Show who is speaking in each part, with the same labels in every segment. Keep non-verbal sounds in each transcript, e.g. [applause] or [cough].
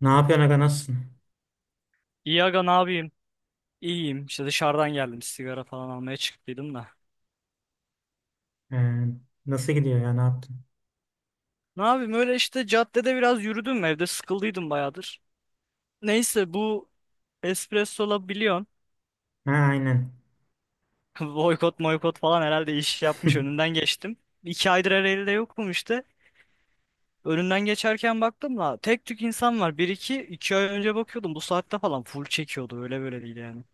Speaker 1: Ne yapıyorsun aga, nasılsın?
Speaker 2: İyi aga ne yapayım? İyiyim. İşte dışarıdan geldim. Sigara falan almaya çıktıydım da.
Speaker 1: Ee, nasıl gidiyor ya, ne yaptın?
Speaker 2: Ne yapayım? Öyle işte caddede biraz yürüdüm. Evde sıkıldıydım bayağıdır. Neyse bu Espresso'la biliyorsun.
Speaker 1: Ha, aynen.
Speaker 2: [laughs] Boykot boykot falan herhalde iş yapmış. Önünden
Speaker 1: [laughs]
Speaker 2: geçtim. İki aydır Ereğli'de yokum işte. Önünden geçerken baktım da tek tük insan var. İki ay önce bakıyordum. Bu saatte falan full çekiyordu. Öyle böyle değil yani.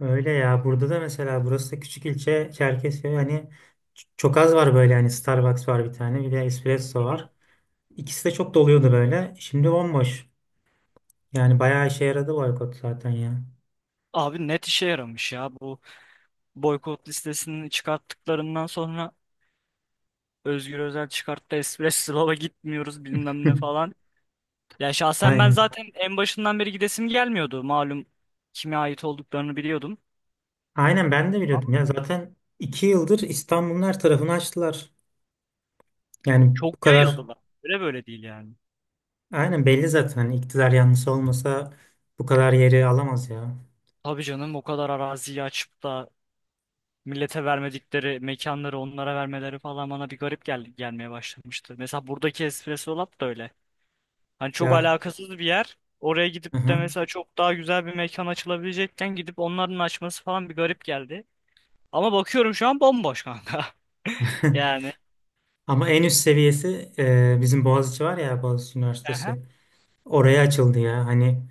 Speaker 1: Öyle ya, burada da mesela, burası da küçük ilçe Çerkezköy hani çok az var böyle, hani Starbucks var bir tane, bir de espresso
Speaker 2: Hı hı.
Speaker 1: var. İkisi de çok doluyordu böyle. Şimdi bomboş. Yani bayağı işe yaradı boykot zaten ya.
Speaker 2: Abi net işe yaramış ya bu boykot listesini çıkarttıklarından sonra Özgür Özel çıkarttı, Espresso'la gitmiyoruz bilmem ne
Speaker 1: [laughs]
Speaker 2: falan. Ya şahsen ben
Speaker 1: Aynen.
Speaker 2: zaten en başından beri gidesim gelmiyordu. Malum kime ait olduklarını biliyordum.
Speaker 1: Aynen, ben de biliyordum ya, zaten 2 yıldır İstanbul'un her tarafını açtılar. Yani
Speaker 2: Çok
Speaker 1: bu kadar
Speaker 2: yayıldılar. Öyle böyle değil yani.
Speaker 1: aynen belli zaten, hani iktidar yanlısı olmasa bu kadar yeri alamaz ya.
Speaker 2: Tabii canım, o kadar araziyi açıp da millete vermedikleri mekanları onlara vermeleri falan bana bir garip gelmeye başlamıştı. Mesela buradaki Espresso Lab da öyle. Hani çok
Speaker 1: Ya,
Speaker 2: alakasız bir yer. Oraya
Speaker 1: hı
Speaker 2: gidip de
Speaker 1: hı.
Speaker 2: mesela çok daha güzel bir mekan açılabilecekken gidip onların açması falan bir garip geldi. Ama bakıyorum şu an bomboş kanka.
Speaker 1: [laughs]
Speaker 2: Yani.
Speaker 1: Ama en üst seviyesi bizim Boğaziçi var ya, Boğaziçi
Speaker 2: Aha,
Speaker 1: Üniversitesi. Oraya açıldı ya. Hani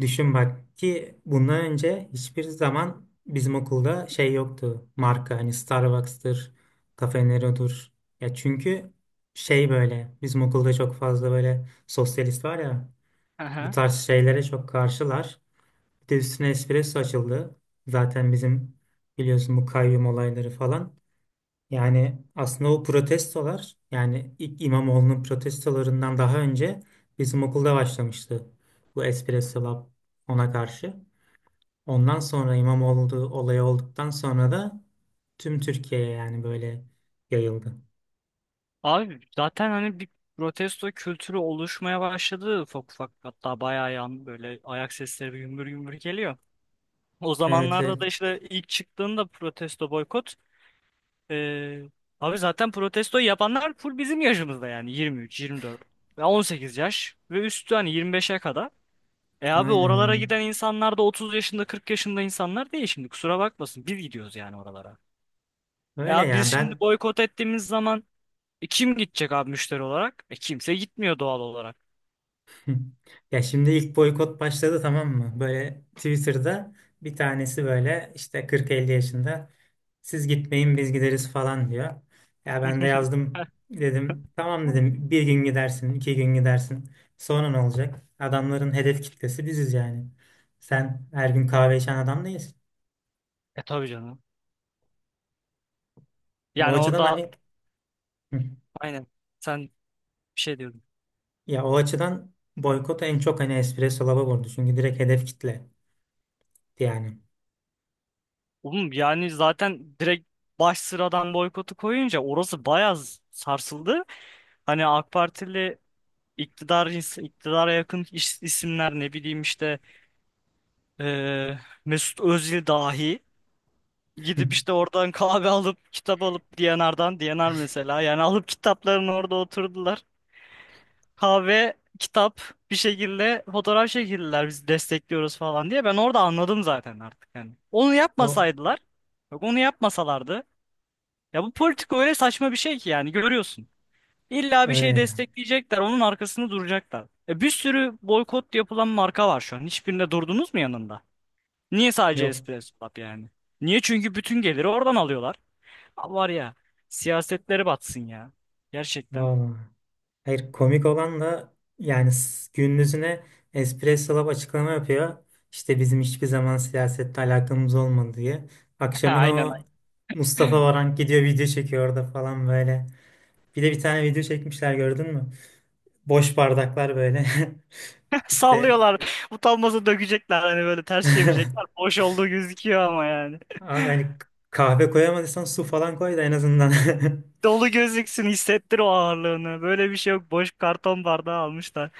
Speaker 1: düşün bak ki bundan önce hiçbir zaman bizim okulda şey yoktu. Marka hani, Starbucks'tır, Cafe Nero'dur. Ya çünkü şey, böyle bizim okulda çok fazla böyle sosyalist var ya, bu
Speaker 2: aha.
Speaker 1: tarz şeylere çok karşılar. Bir de üstüne espresso açıldı. Zaten bizim, biliyorsun bu kayyum olayları falan. Yani aslında o protestolar, yani ilk İmamoğlu'nun protestolarından daha önce bizim okulda başlamıştı. Bu Espresso Lab ona karşı. Ondan sonra İmamoğlu olayı olduktan sonra da tüm Türkiye'ye yani böyle yayıldı.
Speaker 2: Abi zaten hani bir protesto kültürü oluşmaya başladı ufak ufak, hatta bayağı yan böyle ayak sesleri bir gümbür gümbür geliyor. O
Speaker 1: Evet,
Speaker 2: zamanlarda
Speaker 1: evet,
Speaker 2: da işte ilk çıktığında protesto boykot ee, abi zaten protesto yapanlar full bizim yaşımızda, yani 23, 24 ve 18 yaş ve üstü, hani 25'e kadar. E abi
Speaker 1: aynen
Speaker 2: oralara
Speaker 1: öyle.
Speaker 2: giden insanlar da 30 yaşında 40 yaşında insanlar değil. Şimdi kusura bakmasın, biz gidiyoruz yani oralara.
Speaker 1: Öyle
Speaker 2: Ya biz
Speaker 1: ya,
Speaker 2: şimdi
Speaker 1: ben.
Speaker 2: boykot ettiğimiz zaman E kim gidecek abi müşteri olarak? E kimse gitmiyor doğal olarak.
Speaker 1: Hı. Ya şimdi ilk boykot başladı, tamam mı? Böyle Twitter'da bir tanesi, böyle işte 40-50 yaşında, siz gitmeyin biz gideriz falan diyor. Ya ben de
Speaker 2: [laughs]
Speaker 1: yazdım, dedim tamam, dedim bir gün gidersin, iki gün gidersin, sonra ne olacak? Adamların hedef kitlesi biziz yani. Sen her gün kahve içen adam değilsin.
Speaker 2: E tabii canım.
Speaker 1: Ya o
Speaker 2: Yani
Speaker 1: açıdan
Speaker 2: orada
Speaker 1: hani. Hı.
Speaker 2: aynen sen bir şey diyordun.
Speaker 1: Ya o açıdan boykot en çok hani Espresso lava vurdu çünkü direkt hedef kitle yani.
Speaker 2: Oğlum, yani zaten direkt baş sıradan boykotu koyunca orası bayağı sarsıldı. Hani AK Partili iktidara yakın isimler, ne bileyim işte eee, Mesut Özil dahi
Speaker 1: Hı.
Speaker 2: gidip işte oradan [laughs] kahve alıp kitap alıp D&R'dan, D&R mesela yani, alıp kitaplarını orada oturdular. Kahve, kitap, bir şekilde fotoğraf çekildiler biz destekliyoruz falan diye. Ben orada anladım zaten artık yani. Onu
Speaker 1: O,
Speaker 2: yapmasaydılar, bak onu yapmasalardı. Ya bu politika öyle saçma bir şey ki, yani görüyorsun. İlla bir
Speaker 1: öyle
Speaker 2: şey
Speaker 1: ya.
Speaker 2: destekleyecekler, onun arkasını duracaklar. E bir sürü boykot yapılan marka var şu an. Hiçbirinde durdunuz mu yanında? Niye sadece
Speaker 1: Yok.
Speaker 2: Espresso Lab yani? Niye? Çünkü bütün geliri oradan alıyorlar. Ha, var ya, siyasetleri batsın ya. Gerçekten.
Speaker 1: Valla. Hayır, komik olan da yani gündüzüne Espresso Lab açıklama yapıyor, İşte bizim hiçbir zaman siyasette alakamız olmadı diye.
Speaker 2: [laughs]
Speaker 1: Akşamına
Speaker 2: Aynen.
Speaker 1: o Mustafa Varank gidiyor video çekiyor orada falan böyle. Bir de bir tane video çekmişler, gördün mü? Boş bardaklar böyle. [laughs] İşte,
Speaker 2: Sallıyorlar. Utanmasa dökecekler, hani böyle ters çevirecekler.
Speaker 1: [laughs]
Speaker 2: Boş olduğu gözüküyor ama yani.
Speaker 1: abi hani kahve koyamadıysan su falan koy da en azından. [laughs]
Speaker 2: Dolu gözüksün, hissettir o ağırlığını. Böyle bir şey yok. Boş karton bardağı almışlar.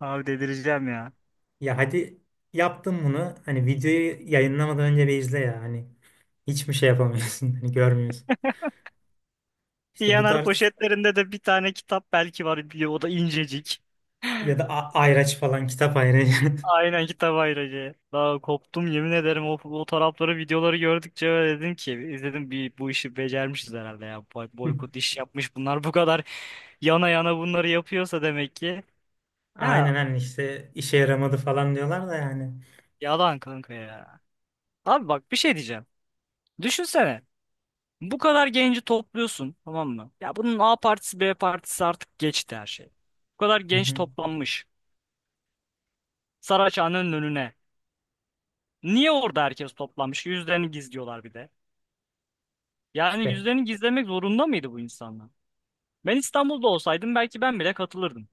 Speaker 2: Abi delireceğim ya.
Speaker 1: Ya hadi yaptım bunu, hani videoyu yayınlamadan önce bir izle ya. Hani hiçbir şey yapamıyorsun. [laughs] Hani görmüyorsun. İşte bu
Speaker 2: Diyaner
Speaker 1: tarz,
Speaker 2: poşetlerinde de bir tane kitap belki var. O da incecik.
Speaker 1: ya da ayraç falan, kitap ayracı.
Speaker 2: Aynen kitap ayracı. Daha koptum yemin ederim o fotoğrafları videoları gördükçe. Öyle dedim ki, izledim bir, bu işi becermişiz herhalde ya. Boykot
Speaker 1: [laughs]
Speaker 2: iş yapmış, bunlar bu kadar yana yana bunları yapıyorsa demek ki, ya
Speaker 1: Aynen, hani işte işe yaramadı falan diyorlar da yani.
Speaker 2: yalan kanka ya. Abi bak bir şey diyeceğim. Düşünsene. Bu kadar genci topluyorsun, tamam mı? Ya bunun A partisi B partisi artık geçti, her şey. Bu kadar
Speaker 1: Hı
Speaker 2: genç
Speaker 1: hı.
Speaker 2: toplanmış Saraçhane'nin önüne. Niye orada herkes toplanmış? Yüzlerini gizliyorlar bir de. Yani
Speaker 1: İşte
Speaker 2: yüzlerini gizlemek zorunda mıydı bu insanlar? Ben İstanbul'da olsaydım belki ben bile katılırdım.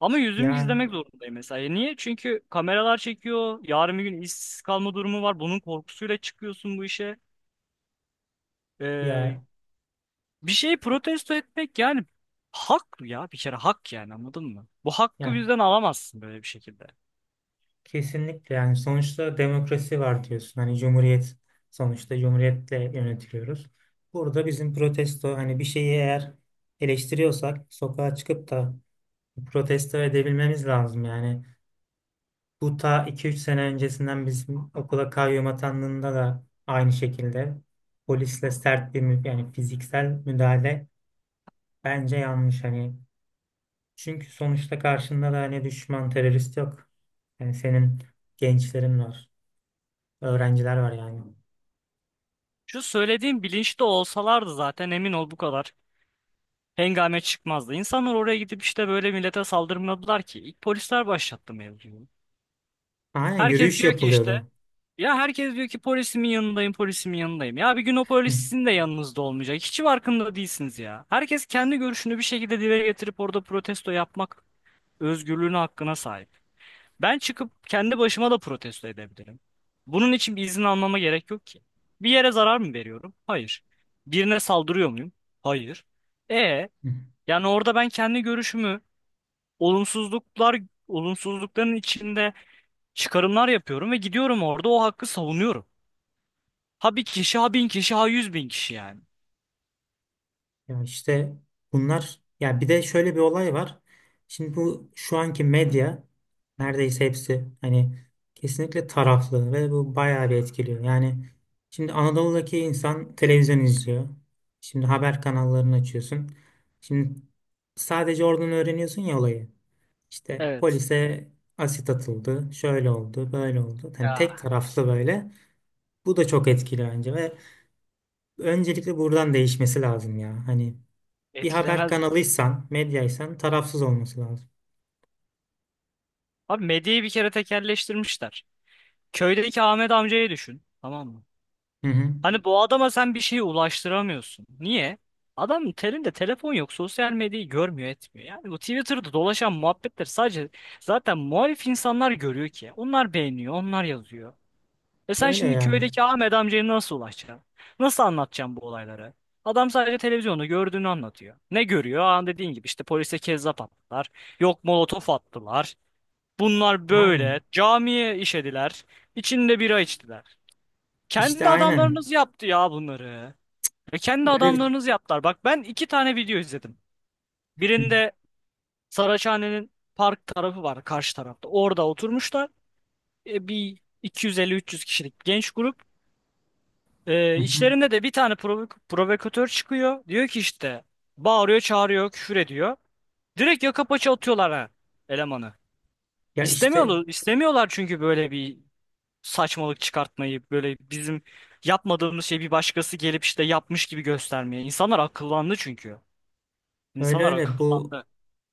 Speaker 2: Ama yüzümü
Speaker 1: yani,
Speaker 2: gizlemek zorundayım mesela. E niye? Çünkü kameralar çekiyor. Yarın bir gün işsiz kalma durumu var. Bunun korkusuyla çıkıyorsun bu işe. Ee,
Speaker 1: ya
Speaker 2: Bir şeyi protesto etmek yani hak ya, bir kere hak, yani anladın mı? Bu hakkı
Speaker 1: yani
Speaker 2: bizden alamazsın böyle bir şekilde.
Speaker 1: kesinlikle yani, sonuçta demokrasi var diyorsun. Hani cumhuriyet, sonuçta cumhuriyetle yönetiliyoruz. Burada bizim protesto, hani bir şeyi eğer eleştiriyorsak sokağa çıkıp da protesto edebilmemiz lazım yani. Bu ta iki üç sene öncesinden bizim okula kayyum atandığında da aynı şekilde polisle sert bir yani fiziksel müdahale bence yanlış hani. Çünkü sonuçta karşında da hani düşman, terörist yok. Yani senin gençlerin var, öğrenciler var yani.
Speaker 2: Şu söylediğim bilinçli olsalardı zaten, emin ol bu kadar hengame çıkmazdı. İnsanlar oraya gidip işte böyle millete saldırmadılar ki. İlk polisler başlattı mevzuyu.
Speaker 1: Aynen,
Speaker 2: Herkes
Speaker 1: yürüyüş
Speaker 2: diyor ki işte
Speaker 1: yapılıyordu.
Speaker 2: herkes diyor ki polisimin yanındayım, polisimin yanındayım. Ya bir gün o polis sizin de yanınızda olmayacak. Hiç farkında değilsiniz ya. Herkes kendi görüşünü bir şekilde dile getirip orada protesto yapmak özgürlüğüne, hakkına sahip. Ben çıkıp kendi başıma da protesto edebilirim. Bunun için bir izin almama gerek yok ki. Bir yere zarar mı veriyorum? Hayır. Birine saldırıyor muyum? Hayır. E
Speaker 1: [laughs]
Speaker 2: yani orada ben kendi görüşümü, olumsuzluklar olumsuzlukların içinde çıkarımlar yapıyorum ve gidiyorum orada o hakkı savunuyorum. Ha bir kişi, ha bin kişi, ha yüz bin kişi, yani.
Speaker 1: Ya işte bunlar, ya bir de şöyle bir olay var. Şimdi bu şu anki medya neredeyse hepsi hani kesinlikle taraflı ve bu bayağı bir etkiliyor. Yani şimdi Anadolu'daki insan televizyon izliyor. Şimdi haber kanallarını açıyorsun. Şimdi sadece oradan öğreniyorsun ya olayı. İşte
Speaker 2: Evet.
Speaker 1: polise asit atıldı, şöyle oldu, böyle oldu. Hani tek
Speaker 2: Ya
Speaker 1: taraflı böyle. Bu da çok etkili bence ve öncelikle buradan değişmesi lazım ya. Hani bir haber
Speaker 2: etkilemez.
Speaker 1: kanalıysan, medyaysan tarafsız olması lazım.
Speaker 2: Abi medyayı bir kere tekelleştirmişler. Köydeki Ahmet amcayı düşün. Tamam mı?
Speaker 1: Hı hı.
Speaker 2: Hani bu adama sen bir şey ulaştıramıyorsun. Niye? Adam telinde telefon yok, sosyal medyayı görmüyor, etmiyor. Yani bu Twitter'da dolaşan muhabbetler sadece zaten muhalif insanlar görüyor ki. Onlar beğeniyor, onlar yazıyor. E sen
Speaker 1: Öyle
Speaker 2: şimdi
Speaker 1: ya.
Speaker 2: köydeki Ahmet amcaya nasıl ulaşacaksın? Nasıl anlatacaksın bu olayları? Adam sadece televizyonda gördüğünü anlatıyor. Ne görüyor? Aa, dediğin gibi işte polise kezzap attılar. Yok molotof attılar. Bunlar böyle.
Speaker 1: Aynen.
Speaker 2: Camiye işediler. İçinde bira içtiler.
Speaker 1: İşte
Speaker 2: Kendi
Speaker 1: aynen.
Speaker 2: adamlarınız yaptı ya bunları. Ve kendi
Speaker 1: Öyle bir...
Speaker 2: adamlarınız yaptılar. Bak ben iki tane video izledim.
Speaker 1: Hı
Speaker 2: Birinde Saraçhane'nin park tarafı var karşı tarafta. Orada oturmuşlar. E, bir 250-300 kişilik genç grup. E,
Speaker 1: hı. Hı.
Speaker 2: içlerinde de bir tane provokatör çıkıyor. Diyor ki işte, bağırıyor, çağırıyor, küfür ediyor. Direkt yaka paça atıyorlar ha elemanı.
Speaker 1: Ya işte
Speaker 2: İstemiyorlar, istemiyorlar çünkü böyle bir saçmalık çıkartmayı, böyle bizim yapmadığımız şeyi bir başkası gelip işte yapmış gibi göstermeye. İnsanlar akıllandı çünkü.
Speaker 1: öyle,
Speaker 2: İnsanlar
Speaker 1: öyle bu
Speaker 2: akıllandı.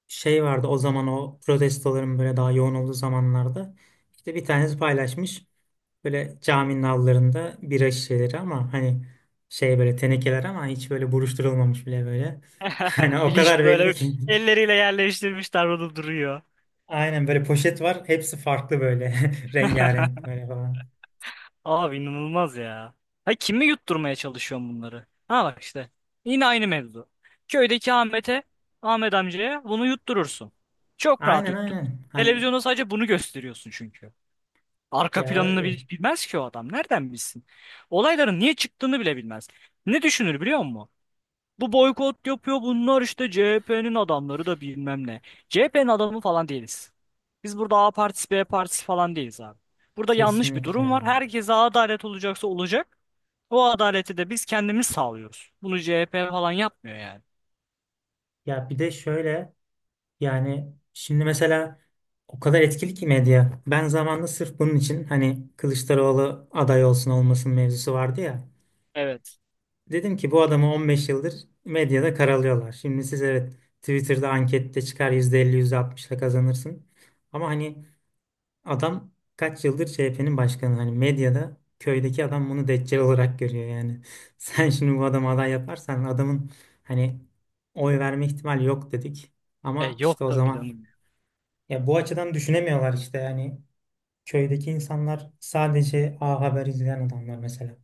Speaker 1: şey vardı, o zaman o protestoların böyle daha yoğun olduğu zamanlarda. İşte bir tanesi paylaşmış, böyle caminin avlularında bira şişeleri, ama hani şey böyle tenekeler ama hiç böyle buruşturulmamış bile böyle. [laughs] Hani
Speaker 2: [laughs]
Speaker 1: o
Speaker 2: Bilinç
Speaker 1: kadar belli
Speaker 2: böyle
Speaker 1: ki.
Speaker 2: elleriyle yerleştirmişler, burada duruyor.
Speaker 1: Aynen, böyle poşet var, hepsi farklı böyle [laughs] rengarenk böyle falan.
Speaker 2: Abi inanılmaz ya. Ha kimi yutturmaya çalışıyorsun bunları? Ha bak işte. Yine aynı mevzu. Köydeki Ahmet'e, Ahmet amcaya bunu yutturursun. Çok rahat
Speaker 1: Aynen,
Speaker 2: yuttun.
Speaker 1: aynen. Hani
Speaker 2: Televizyonda sadece bunu gösteriyorsun çünkü. Arka
Speaker 1: ya
Speaker 2: planını
Speaker 1: öyle.
Speaker 2: bilmez ki o adam. Nereden bilsin? Olayların niye çıktığını bile bilmez. Ne düşünür biliyor musun? Bu boykot yapıyor bunlar, işte CHP'nin adamları da, bilmem ne. CHP'nin adamı falan değiliz. Biz burada A partisi B partisi falan değiliz abi. Burada yanlış bir
Speaker 1: Kesinlikle
Speaker 2: durum var.
Speaker 1: yani.
Speaker 2: Herkese adalet olacaksa olacak. O adaleti de biz kendimiz sağlıyoruz. Bunu CHP falan yapmıyor yani.
Speaker 1: Ya bir de şöyle yani, şimdi mesela o kadar etkili ki medya. Ben zamanında sırf bunun için hani Kılıçdaroğlu aday olsun olmasın mevzusu vardı ya.
Speaker 2: Evet.
Speaker 1: Dedim ki bu adamı 15 yıldır medyada karalıyorlar. Şimdi siz, evet, Twitter'da ankette çıkar %50 %60'la kazanırsın. Ama hani, adam kaç yıldır CHP'nin başkanı. Hani medyada köydeki adam bunu deccal olarak görüyor yani. [laughs] Sen şimdi bu adamı aday yaparsan adamın hani oy verme ihtimali yok, dedik.
Speaker 2: E
Speaker 1: Ama işte
Speaker 2: yok
Speaker 1: o
Speaker 2: tabii
Speaker 1: zaman
Speaker 2: canım.
Speaker 1: ya, bu açıdan düşünemiyorlar işte, yani köydeki insanlar sadece A Haber izleyen adamlar mesela.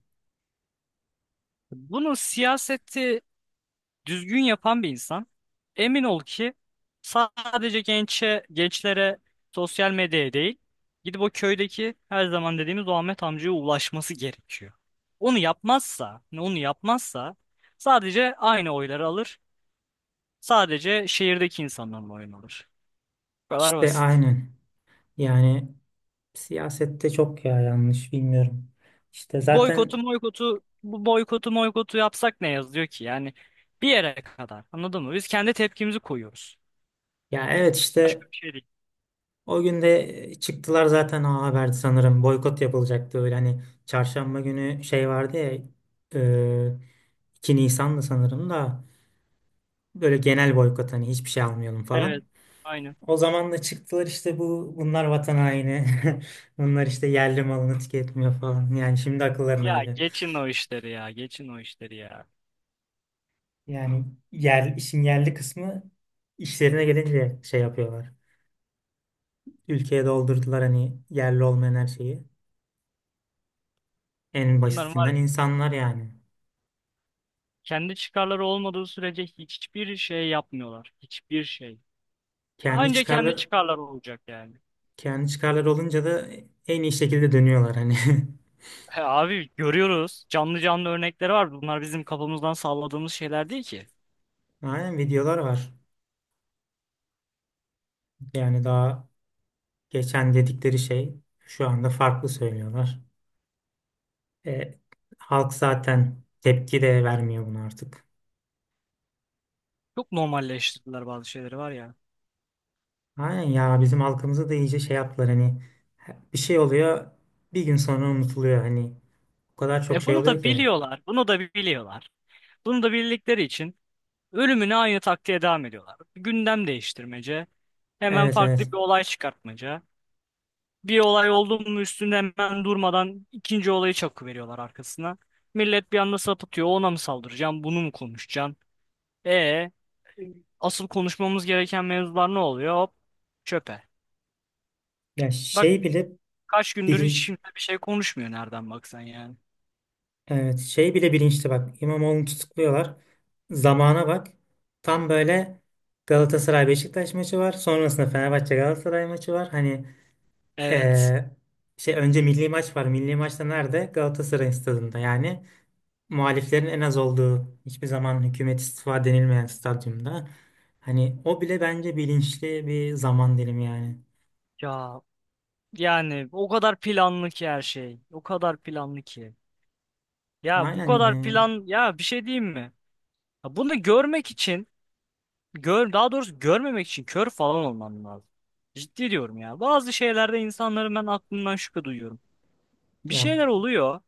Speaker 2: Bunun siyaseti düzgün yapan bir insan, emin ol ki, sadece gençe, gençlere, sosyal medyaya değil, gidip o köydeki her zaman dediğimiz o Ahmet amcaya ulaşması gerekiyor. Onu yapmazsa, onu yapmazsa sadece aynı oyları alır. Sadece şehirdeki insanların oyunu alır. Bu kadar
Speaker 1: İşte
Speaker 2: basit.
Speaker 1: aynen. Yani siyasette çok ya, yanlış, bilmiyorum. İşte
Speaker 2: Boykotu
Speaker 1: zaten,
Speaker 2: boykotu Bu boykotu yapsak ne yazıyor ki? Yani bir yere kadar. Anladın mı? Biz kendi tepkimizi koyuyoruz.
Speaker 1: ya evet
Speaker 2: Başka
Speaker 1: işte.
Speaker 2: bir şey değil.
Speaker 1: O gün de çıktılar zaten, o haberdi sanırım. Boykot yapılacaktı, öyle hani çarşamba günü şey vardı ya, e, 2 Nisan'dı sanırım da, böyle genel boykot hani, hiçbir şey almayalım falan.
Speaker 2: Evet. Aynen.
Speaker 1: O zaman da çıktılar, işte bu bunlar vatan haini. [laughs] Bunlar işte yerli malını tüketmiyor falan. Yani şimdi akıllarına
Speaker 2: Ya
Speaker 1: geliyor.
Speaker 2: geçin o işleri ya, geçin o işleri ya.
Speaker 1: Yani yer, işin yerli kısmı işlerine gelince şey yapıyorlar. Ülkeye doldurdular hani yerli olmayan her şeyi. En
Speaker 2: Bunların var
Speaker 1: basitinden
Speaker 2: ya,
Speaker 1: insanlar yani.
Speaker 2: kendi çıkarları olmadığı sürece hiçbir şey yapmıyorlar. Hiçbir şey.
Speaker 1: Kendi
Speaker 2: Anca kendi
Speaker 1: çıkarlar
Speaker 2: çıkarları olacak yani.
Speaker 1: kendi çıkarlar olunca da en iyi şekilde dönüyorlar hani. [laughs]
Speaker 2: He abi görüyoruz. Canlı canlı örnekleri var. Bunlar bizim kafamızdan salladığımız şeyler değil ki.
Speaker 1: Aynen, videolar var. Yani daha geçen dedikleri şey, şu anda farklı söylüyorlar. E, halk zaten tepki de vermiyor buna artık.
Speaker 2: Çok normalleştirdiler bazı şeyleri var ya.
Speaker 1: Aynen, ya bizim halkımızı da iyice şey yaptılar hani, bir şey oluyor, bir gün sonra unutuluyor, hani o kadar çok
Speaker 2: E
Speaker 1: şey
Speaker 2: bunu
Speaker 1: oluyor
Speaker 2: da
Speaker 1: ki.
Speaker 2: biliyorlar. Bunu da biliyorlar. Bunu da bildikleri için ölümüne aynı taktiğe devam ediyorlar. Gündem değiştirmece. Hemen
Speaker 1: Evet,
Speaker 2: farklı
Speaker 1: evet.
Speaker 2: bir olay çıkartmaca. Bir olay oldu mu üstünde hemen durmadan ikinci olayı çakıveriyorlar arkasına. Millet bir anda sapıtıyor. Ona mı saldıracaksın? Bunu mu konuşacaksın? E asıl konuşmamız gereken mevzular ne oluyor? Hop, çöpe.
Speaker 1: Ya
Speaker 2: Bak
Speaker 1: şey bile
Speaker 2: kaç gündür
Speaker 1: bili-
Speaker 2: hiç kimse bir şey konuşmuyor nereden baksan yani.
Speaker 1: evet, şey bile bilinçli bak. İmamoğlu'nu tutukluyorlar. Zamana bak. Tam böyle Galatasaray Beşiktaş maçı var. Sonrasında Fenerbahçe Galatasaray maçı var. Hani
Speaker 2: Evet.
Speaker 1: eee, şey, önce milli maç var. Milli maçta nerede? Galatasaray stadında. Yani muhaliflerin en az olduğu, hiçbir zaman hükümet istifa denilmeyen stadyumda. Hani o bile bence bilinçli bir zaman dilimi yani.
Speaker 2: Ya yani o kadar planlı ki her şey. O kadar planlı ki. Ya bu
Speaker 1: Aynen
Speaker 2: kadar
Speaker 1: yani,
Speaker 2: plan, ya bir şey diyeyim mi? Ya bunu daha doğrusu görmemek için kör falan olman lazım. Ciddi diyorum ya. Bazı şeylerde insanların, ben aklımdan şüphe duyuyorum. Bir
Speaker 1: ya
Speaker 2: şeyler oluyor.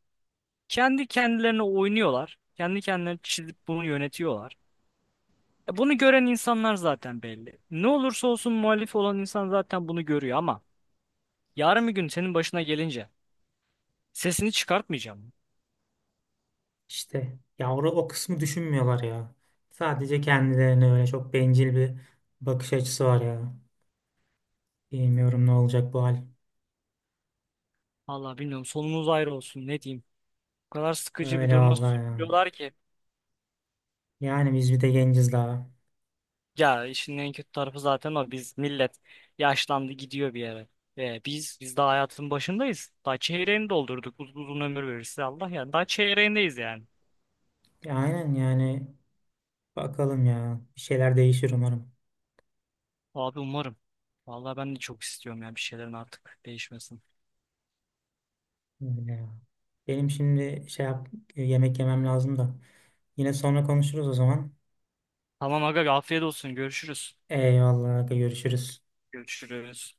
Speaker 2: Kendi kendilerine oynuyorlar. Kendi kendilerine çizip bunu yönetiyorlar. E bunu gören insanlar zaten belli. Ne olursa olsun muhalif olan insan zaten bunu görüyor ama yarın bir gün senin başına gelince sesini çıkartmayacağım.
Speaker 1: İşte ya yavru o kısmı düşünmüyorlar ya. Sadece kendilerine, öyle çok bencil bir bakış açısı var ya. Bilmiyorum ne olacak bu hal.
Speaker 2: Vallahi bilmiyorum, sonumuz ayrı olsun ne diyeyim. O kadar sıkıcı bir
Speaker 1: Öyle
Speaker 2: duruma
Speaker 1: vallahi ya.
Speaker 2: sürüyorlar ki.
Speaker 1: Yani biz bir de genciz daha.
Speaker 2: Ya işin en kötü tarafı zaten o. Biz millet yaşlandı gidiyor bir yere. Biz daha hayatın başındayız. Daha çeyreğini doldurduk. Uzun ömür verirse Allah ya. Daha çeyreğindeyiz yani.
Speaker 1: Ya aynen yani, bakalım ya. Bir şeyler değişir umarım.
Speaker 2: Abi umarım. Vallahi ben de çok istiyorum ya bir şeylerin artık değişmesin.
Speaker 1: Öyle ya. Benim şimdi şey yap, yemek yemem lazım da. Yine sonra konuşuruz o zaman.
Speaker 2: Tamam aga, afiyet olsun. Görüşürüz.
Speaker 1: Eyvallah, görüşürüz.
Speaker 2: Görüşürüz.